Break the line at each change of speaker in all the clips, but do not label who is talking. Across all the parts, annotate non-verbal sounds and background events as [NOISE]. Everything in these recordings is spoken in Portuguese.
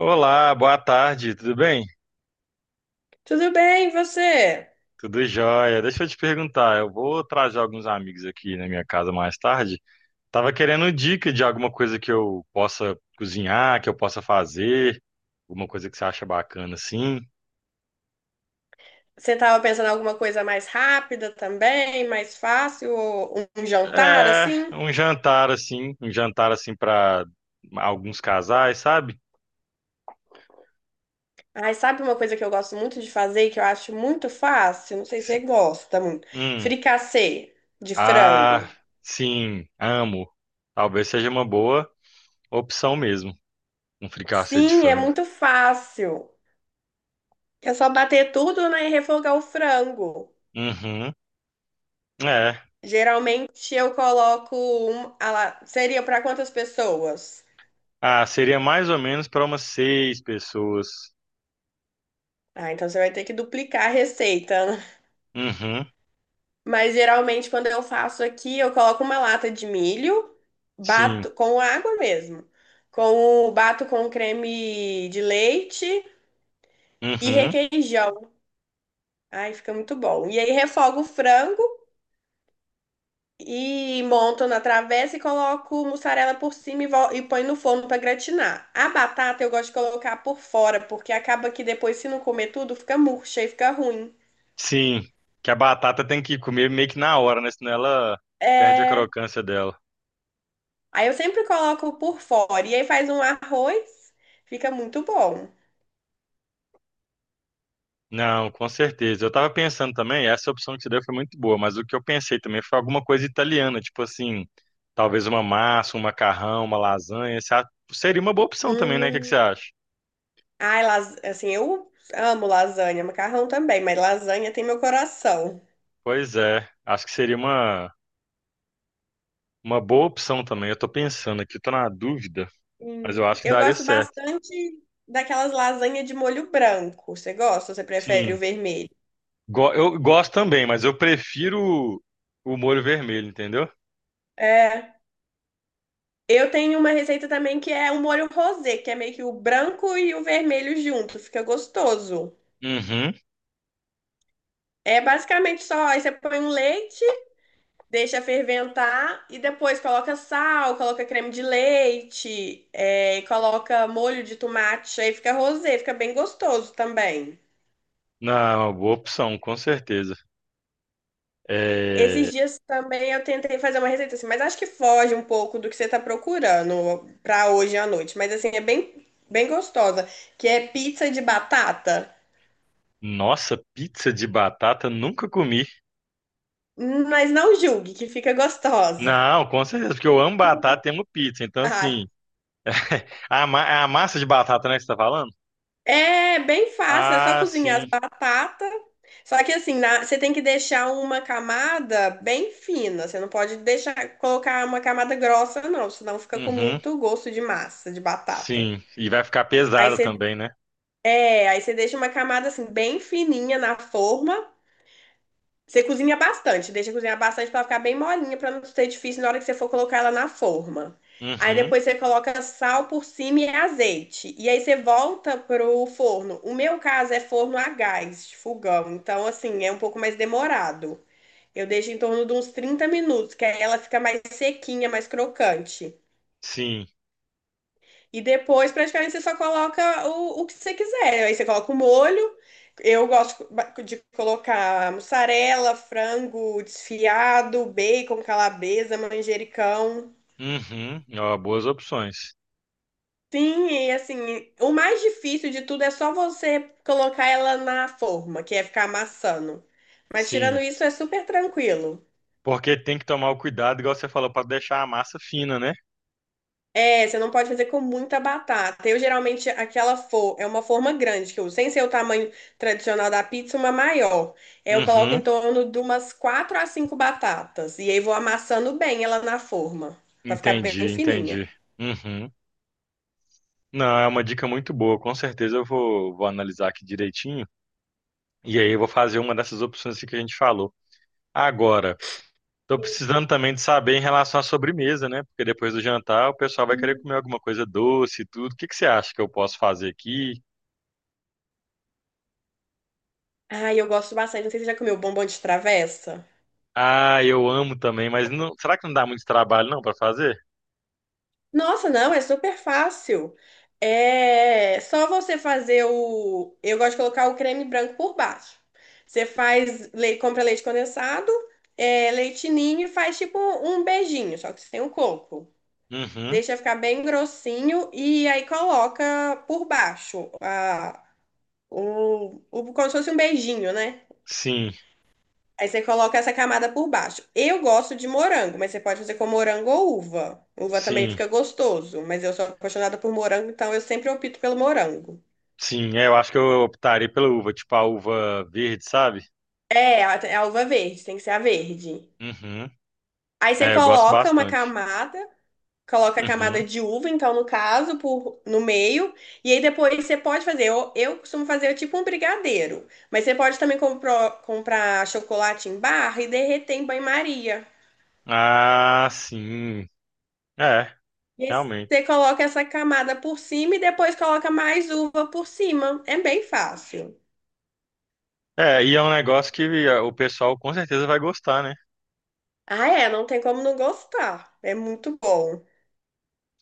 Olá, boa tarde, tudo bem?
Tudo bem, e você?
Tudo jóia. Deixa eu te perguntar, eu vou trazer alguns amigos aqui na minha casa mais tarde. Tava querendo dica de alguma coisa que eu possa cozinhar, que eu possa fazer, alguma coisa que você acha bacana assim.
Você estava pensando em alguma coisa mais rápida também, mais fácil, ou um jantar
É,
assim?
um jantar assim para alguns casais, sabe?
Ai, sabe uma coisa que eu gosto muito de fazer, e que eu acho muito fácil? Não sei se você
S-
gosta muito.
Hum,
Fricassê de
ah,
frango.
sim, amo. Talvez seja uma boa opção mesmo, um fricassê de
Sim, é
frango.
muito fácil. É só bater tudo, né, e refogar o frango.
Uhum, é.
Geralmente eu coloco ah lá, seria para quantas pessoas?
Ah, seria mais ou menos para umas 6 pessoas.
Ah, então você vai ter que duplicar a receita, né?
Uhum,
Mas geralmente quando eu faço aqui, eu coloco uma lata de milho,
sim.
bato com água mesmo, com o bato com creme de leite e
Uhum,
requeijão. Ai, fica muito bom. E aí refogo o frango e monto na travessa e coloco mussarela por cima e põe no forno para gratinar. A batata eu gosto de colocar por fora, porque acaba que depois se não comer tudo, fica murcha e fica ruim.
sim. Que a batata tem que comer meio que na hora, né? Senão ela perde a
É.
crocância dela.
Aí eu sempre coloco por fora e aí faz um arroz, fica muito bom.
Não, com certeza. Eu tava pensando também, essa opção que você deu foi muito boa, mas o que eu pensei também foi alguma coisa italiana, tipo assim, talvez uma massa, um macarrão, uma lasanha. Seria uma boa opção também, né? O que que você
Hum.
acha?
Ai, assim, eu amo lasanha, macarrão também, mas lasanha tem meu coração.
Pois é, acho que seria uma boa opção também. Eu tô pensando aqui, eu tô na dúvida, mas
Hum.
eu acho que
Eu
daria
gosto
certo.
bastante daquelas lasanhas de molho branco. Você gosta ou você prefere o
Sim.
vermelho?
Eu gosto também, mas eu prefiro o molho vermelho, entendeu?
É. Eu tenho uma receita também que é o molho rosé, que é meio que o branco e o vermelho junto, fica gostoso.
Uhum.
É basicamente só, aí você põe um leite, deixa ferventar e depois coloca sal, coloca creme de leite, e coloca molho de tomate, aí fica rosé, fica bem gostoso também.
Não, é uma boa opção, com certeza.
Esses
É...
dias também eu tentei fazer uma receita assim, mas acho que foge um pouco do que você tá procurando pra hoje à noite. Mas assim, é bem, bem gostosa, que é pizza de batata,
Nossa, pizza de batata nunca comi.
mas não julgue que fica gostosa. [LAUGHS]
Não, com certeza, porque eu amo batata e amo pizza. Então, assim,
Ah,
é a massa de batata, né, que você tá falando?
é bem fácil, é só
Ah,
cozinhar as
sim.
batatas. Só que assim, você tem que deixar uma camada bem fina. Você não pode deixar colocar uma camada grossa, não, senão fica com
Uhum.
muito gosto de massa, de batata.
Sim. E vai ficar
Aí
pesada
você,
também, né?
aí você deixa uma camada assim bem fininha na forma. Você cozinha bastante, deixa cozinhar bastante para ficar bem molinha, para não ser difícil na hora que você for colocar ela na forma. Aí
Uhum.
depois você coloca sal por cima e azeite. E aí você volta pro forno. O meu caso é forno a gás, fogão. Então, assim, é um pouco mais demorado. Eu deixo em torno de uns 30 minutos, que aí ela fica mais sequinha, mais crocante.
Sim.
E depois, praticamente, você só coloca o que você quiser. Aí você coloca o molho. Eu gosto de colocar mussarela, frango desfiado, bacon, calabresa, manjericão.
Uhum. Ó, boas opções.
Sim, e assim, o mais difícil de tudo é só você colocar ela na forma, que é ficar amassando. Mas
Sim.
tirando isso, é super tranquilo.
Porque tem que tomar o cuidado, igual você falou, para deixar a massa fina, né?
É, você não pode fazer com muita batata. Eu geralmente aquela for é uma forma grande que eu uso, sem ser o tamanho tradicional da pizza, uma maior. É, eu coloco em
Uhum,
torno de umas quatro a cinco batatas e aí vou amassando bem ela na forma, pra ficar bem
entendi,
fininha.
entendi. Uhum. Não, é uma dica muito boa. Com certeza eu vou analisar aqui direitinho. E aí eu vou fazer uma dessas opções aqui que a gente falou. Agora, tô precisando também de saber em relação à sobremesa, né? Porque depois do jantar o pessoal vai querer
Hum.
comer alguma coisa doce e tudo. O que que você acha que eu posso fazer aqui?
Ai, eu gosto bastante. Não sei se você já comeu bombom de travessa.
Ah, eu amo também, mas será que não dá muito trabalho não para fazer?
Nossa, não, é super fácil. É só você fazer o. Eu gosto de colocar o creme branco por baixo. Você compra leite condensado, leite ninho e faz tipo um beijinho, só que sem o coco.
Uhum.
Deixa ficar bem grossinho e aí coloca por baixo como se fosse um beijinho, né?
Sim,
Aí você coloca essa camada por baixo. Eu gosto de morango, mas você pode fazer com morango ou uva. Uva também
sim,
fica gostoso, mas eu sou apaixonada por morango, então eu sempre opto pelo morango.
sim. É, eu acho que eu optaria pela uva, tipo a uva verde, sabe?
É, é a uva verde, tem que ser a verde.
Uhum.
Aí você
É, eu gosto
coloca uma
bastante.
camada, coloca a camada
Uhum.
de uva, então no caso, no meio, e aí depois você pode fazer. Eu costumo fazer é tipo um brigadeiro, mas você pode também comprar chocolate em barra e derreter em banho-maria.
Ah, sim. É,
E aí você
realmente.
coloca essa camada por cima e depois coloca mais uva por cima. É bem fácil.
É, e é um negócio que o pessoal com certeza vai gostar, né?
Ah, é, não tem como não gostar. É muito bom.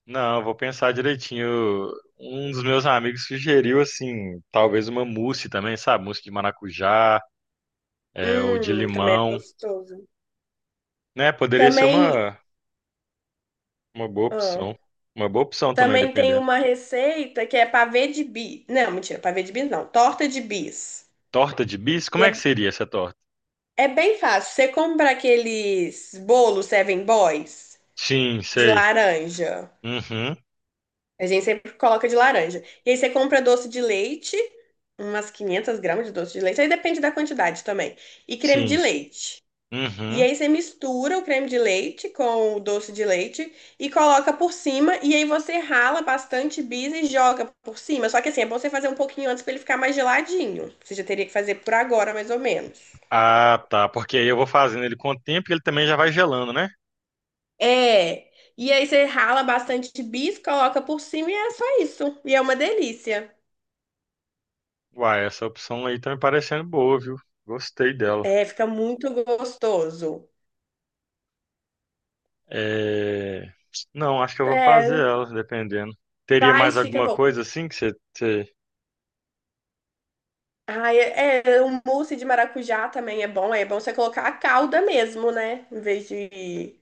Não, eu vou pensar direitinho. Um dos meus amigos sugeriu, assim, talvez uma mousse também, sabe? Mousse de maracujá, é, ou de
Também é
limão,
gostoso.
né? Poderia ser
Também.
uma boa
Ah,
opção. Uma boa opção também,
também tem
dependendo.
uma receita que é pavê de bis. Não, mentira, pavê de bis não. Torta de bis.
Torta de bis?
E
Como
é,
é que seria essa torta?
é bem fácil. Você compra aqueles bolos Seven Boys
Sim,
de
sei.
laranja.
Uhum,
A gente sempre coloca de laranja. E aí você compra doce de leite, umas 500 gramas de doce de leite, aí depende da quantidade também. E creme de
sim.
leite. E
Uhum.
aí você mistura o creme de leite com o doce de leite e coloca por cima. E aí você rala bastante bis e joga por cima. Só que assim, é bom você fazer um pouquinho antes para ele ficar mais geladinho. Você já teria que fazer por agora, mais ou menos.
Ah, tá. Porque aí eu vou fazendo ele com o tempo e ele também já vai gelando, né?
É. E aí você rala bastante bis, coloca por cima e é só isso. E é uma delícia.
Uai, essa opção aí tá me parecendo boa, viu? Gostei dela.
É, fica muito gostoso.
É... Não, acho que eu vou fazer
É,
ela, dependendo. Teria mais
fica
alguma
bom.
coisa assim que você?
Ai, o mousse de maracujá também é bom. É bom você colocar a calda mesmo, né? Em vez de...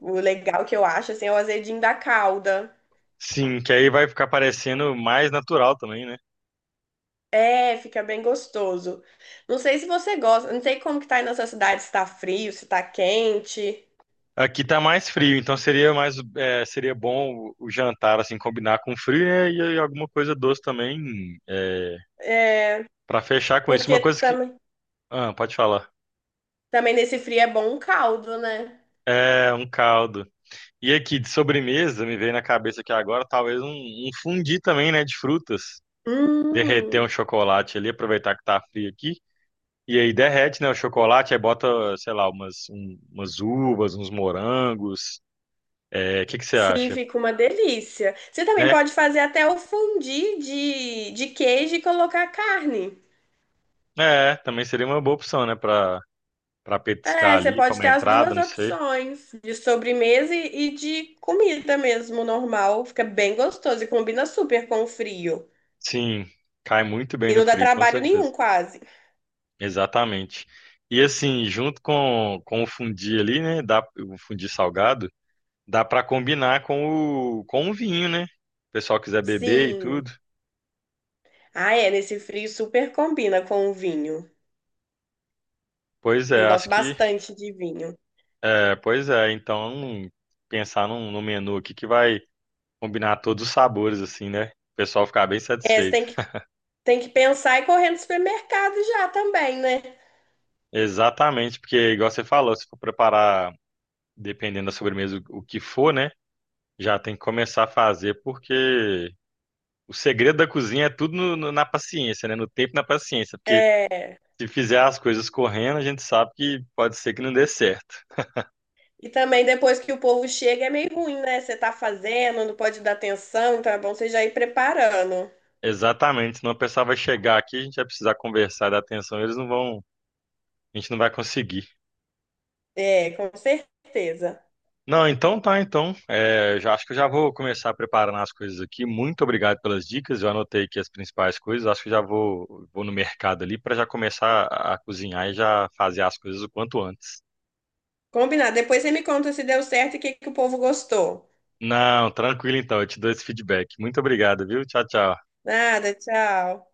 O legal que eu acho, assim, é o azedinho da calda.
Sim, que aí vai ficar parecendo mais natural também, né?
É, fica bem gostoso. Não sei se você gosta. Não sei como que tá aí na sua cidade, se tá frio, se tá quente.
Aqui tá mais frio, então seria mais, é, seria bom o jantar assim combinar com frio, né? E aí alguma coisa doce também, é,
É,
para fechar com isso. Uma
porque
coisa que,
também,
ah, pode falar.
também nesse frio é bom um caldo, né?
É um caldo. E aqui de sobremesa, me veio na cabeça aqui agora, talvez um fundi também, né, de frutas. Derreter
Hum.
um chocolate ali, aproveitar que tá frio aqui. E aí derrete, né, o chocolate, aí bota, sei lá, umas, umas uvas, uns morangos. É, o que que você
Sim,
acha?
fica uma delícia. Você também
Né?
pode fazer até o fondue de queijo e colocar carne.
É, também seria uma boa opção, né, pra
É,
petiscar
você
ali
pode
como
ter as
entrada,
duas
não sei.
opções, de sobremesa e de comida mesmo, normal. Fica bem gostoso e combina super com o frio.
Sim, cai muito bem
E
no
não dá
frio, com
trabalho
certeza.
nenhum, quase.
Exatamente. E assim, junto com o fundi ali, né, dá, o fundi salgado, dá pra combinar com o vinho, né? O pessoal quiser beber e
Sim.
tudo.
Ah, é, nesse frio super combina com o vinho.
Pois é,
Eu gosto
acho que
bastante de vinho.
é, pois é, então pensar num menu aqui que vai combinar todos os sabores assim, né? O pessoal ficar bem
É, você
satisfeito.
tem que pensar e correr no supermercado já também, né?
Exatamente, porque igual você falou, se for preparar dependendo da sobremesa o que for, né? Já tem que começar a fazer porque o segredo da cozinha é tudo na paciência, né? No tempo e na paciência, porque se fizer as coisas correndo, a gente sabe que pode ser que não dê certo.
E também depois que o povo chega é meio ruim, né? Você tá fazendo, não pode dar atenção, então é bom você já ir preparando.
Exatamente, senão o pessoal vai chegar aqui, a gente vai precisar conversar dar atenção, eles não vão, a gente não vai conseguir.
É, com certeza.
Não, então tá, então. É, já acho que eu já vou começar preparando as coisas aqui. Muito obrigado pelas dicas. Eu anotei aqui as principais coisas. Acho que já vou no mercado ali para já começar a cozinhar e já fazer as coisas o quanto antes.
Combinado. Depois você me conta se deu certo e o que que o povo gostou.
Não, tranquilo então, eu te dou esse feedback. Muito obrigado, viu? Tchau, tchau.
Nada, tchau.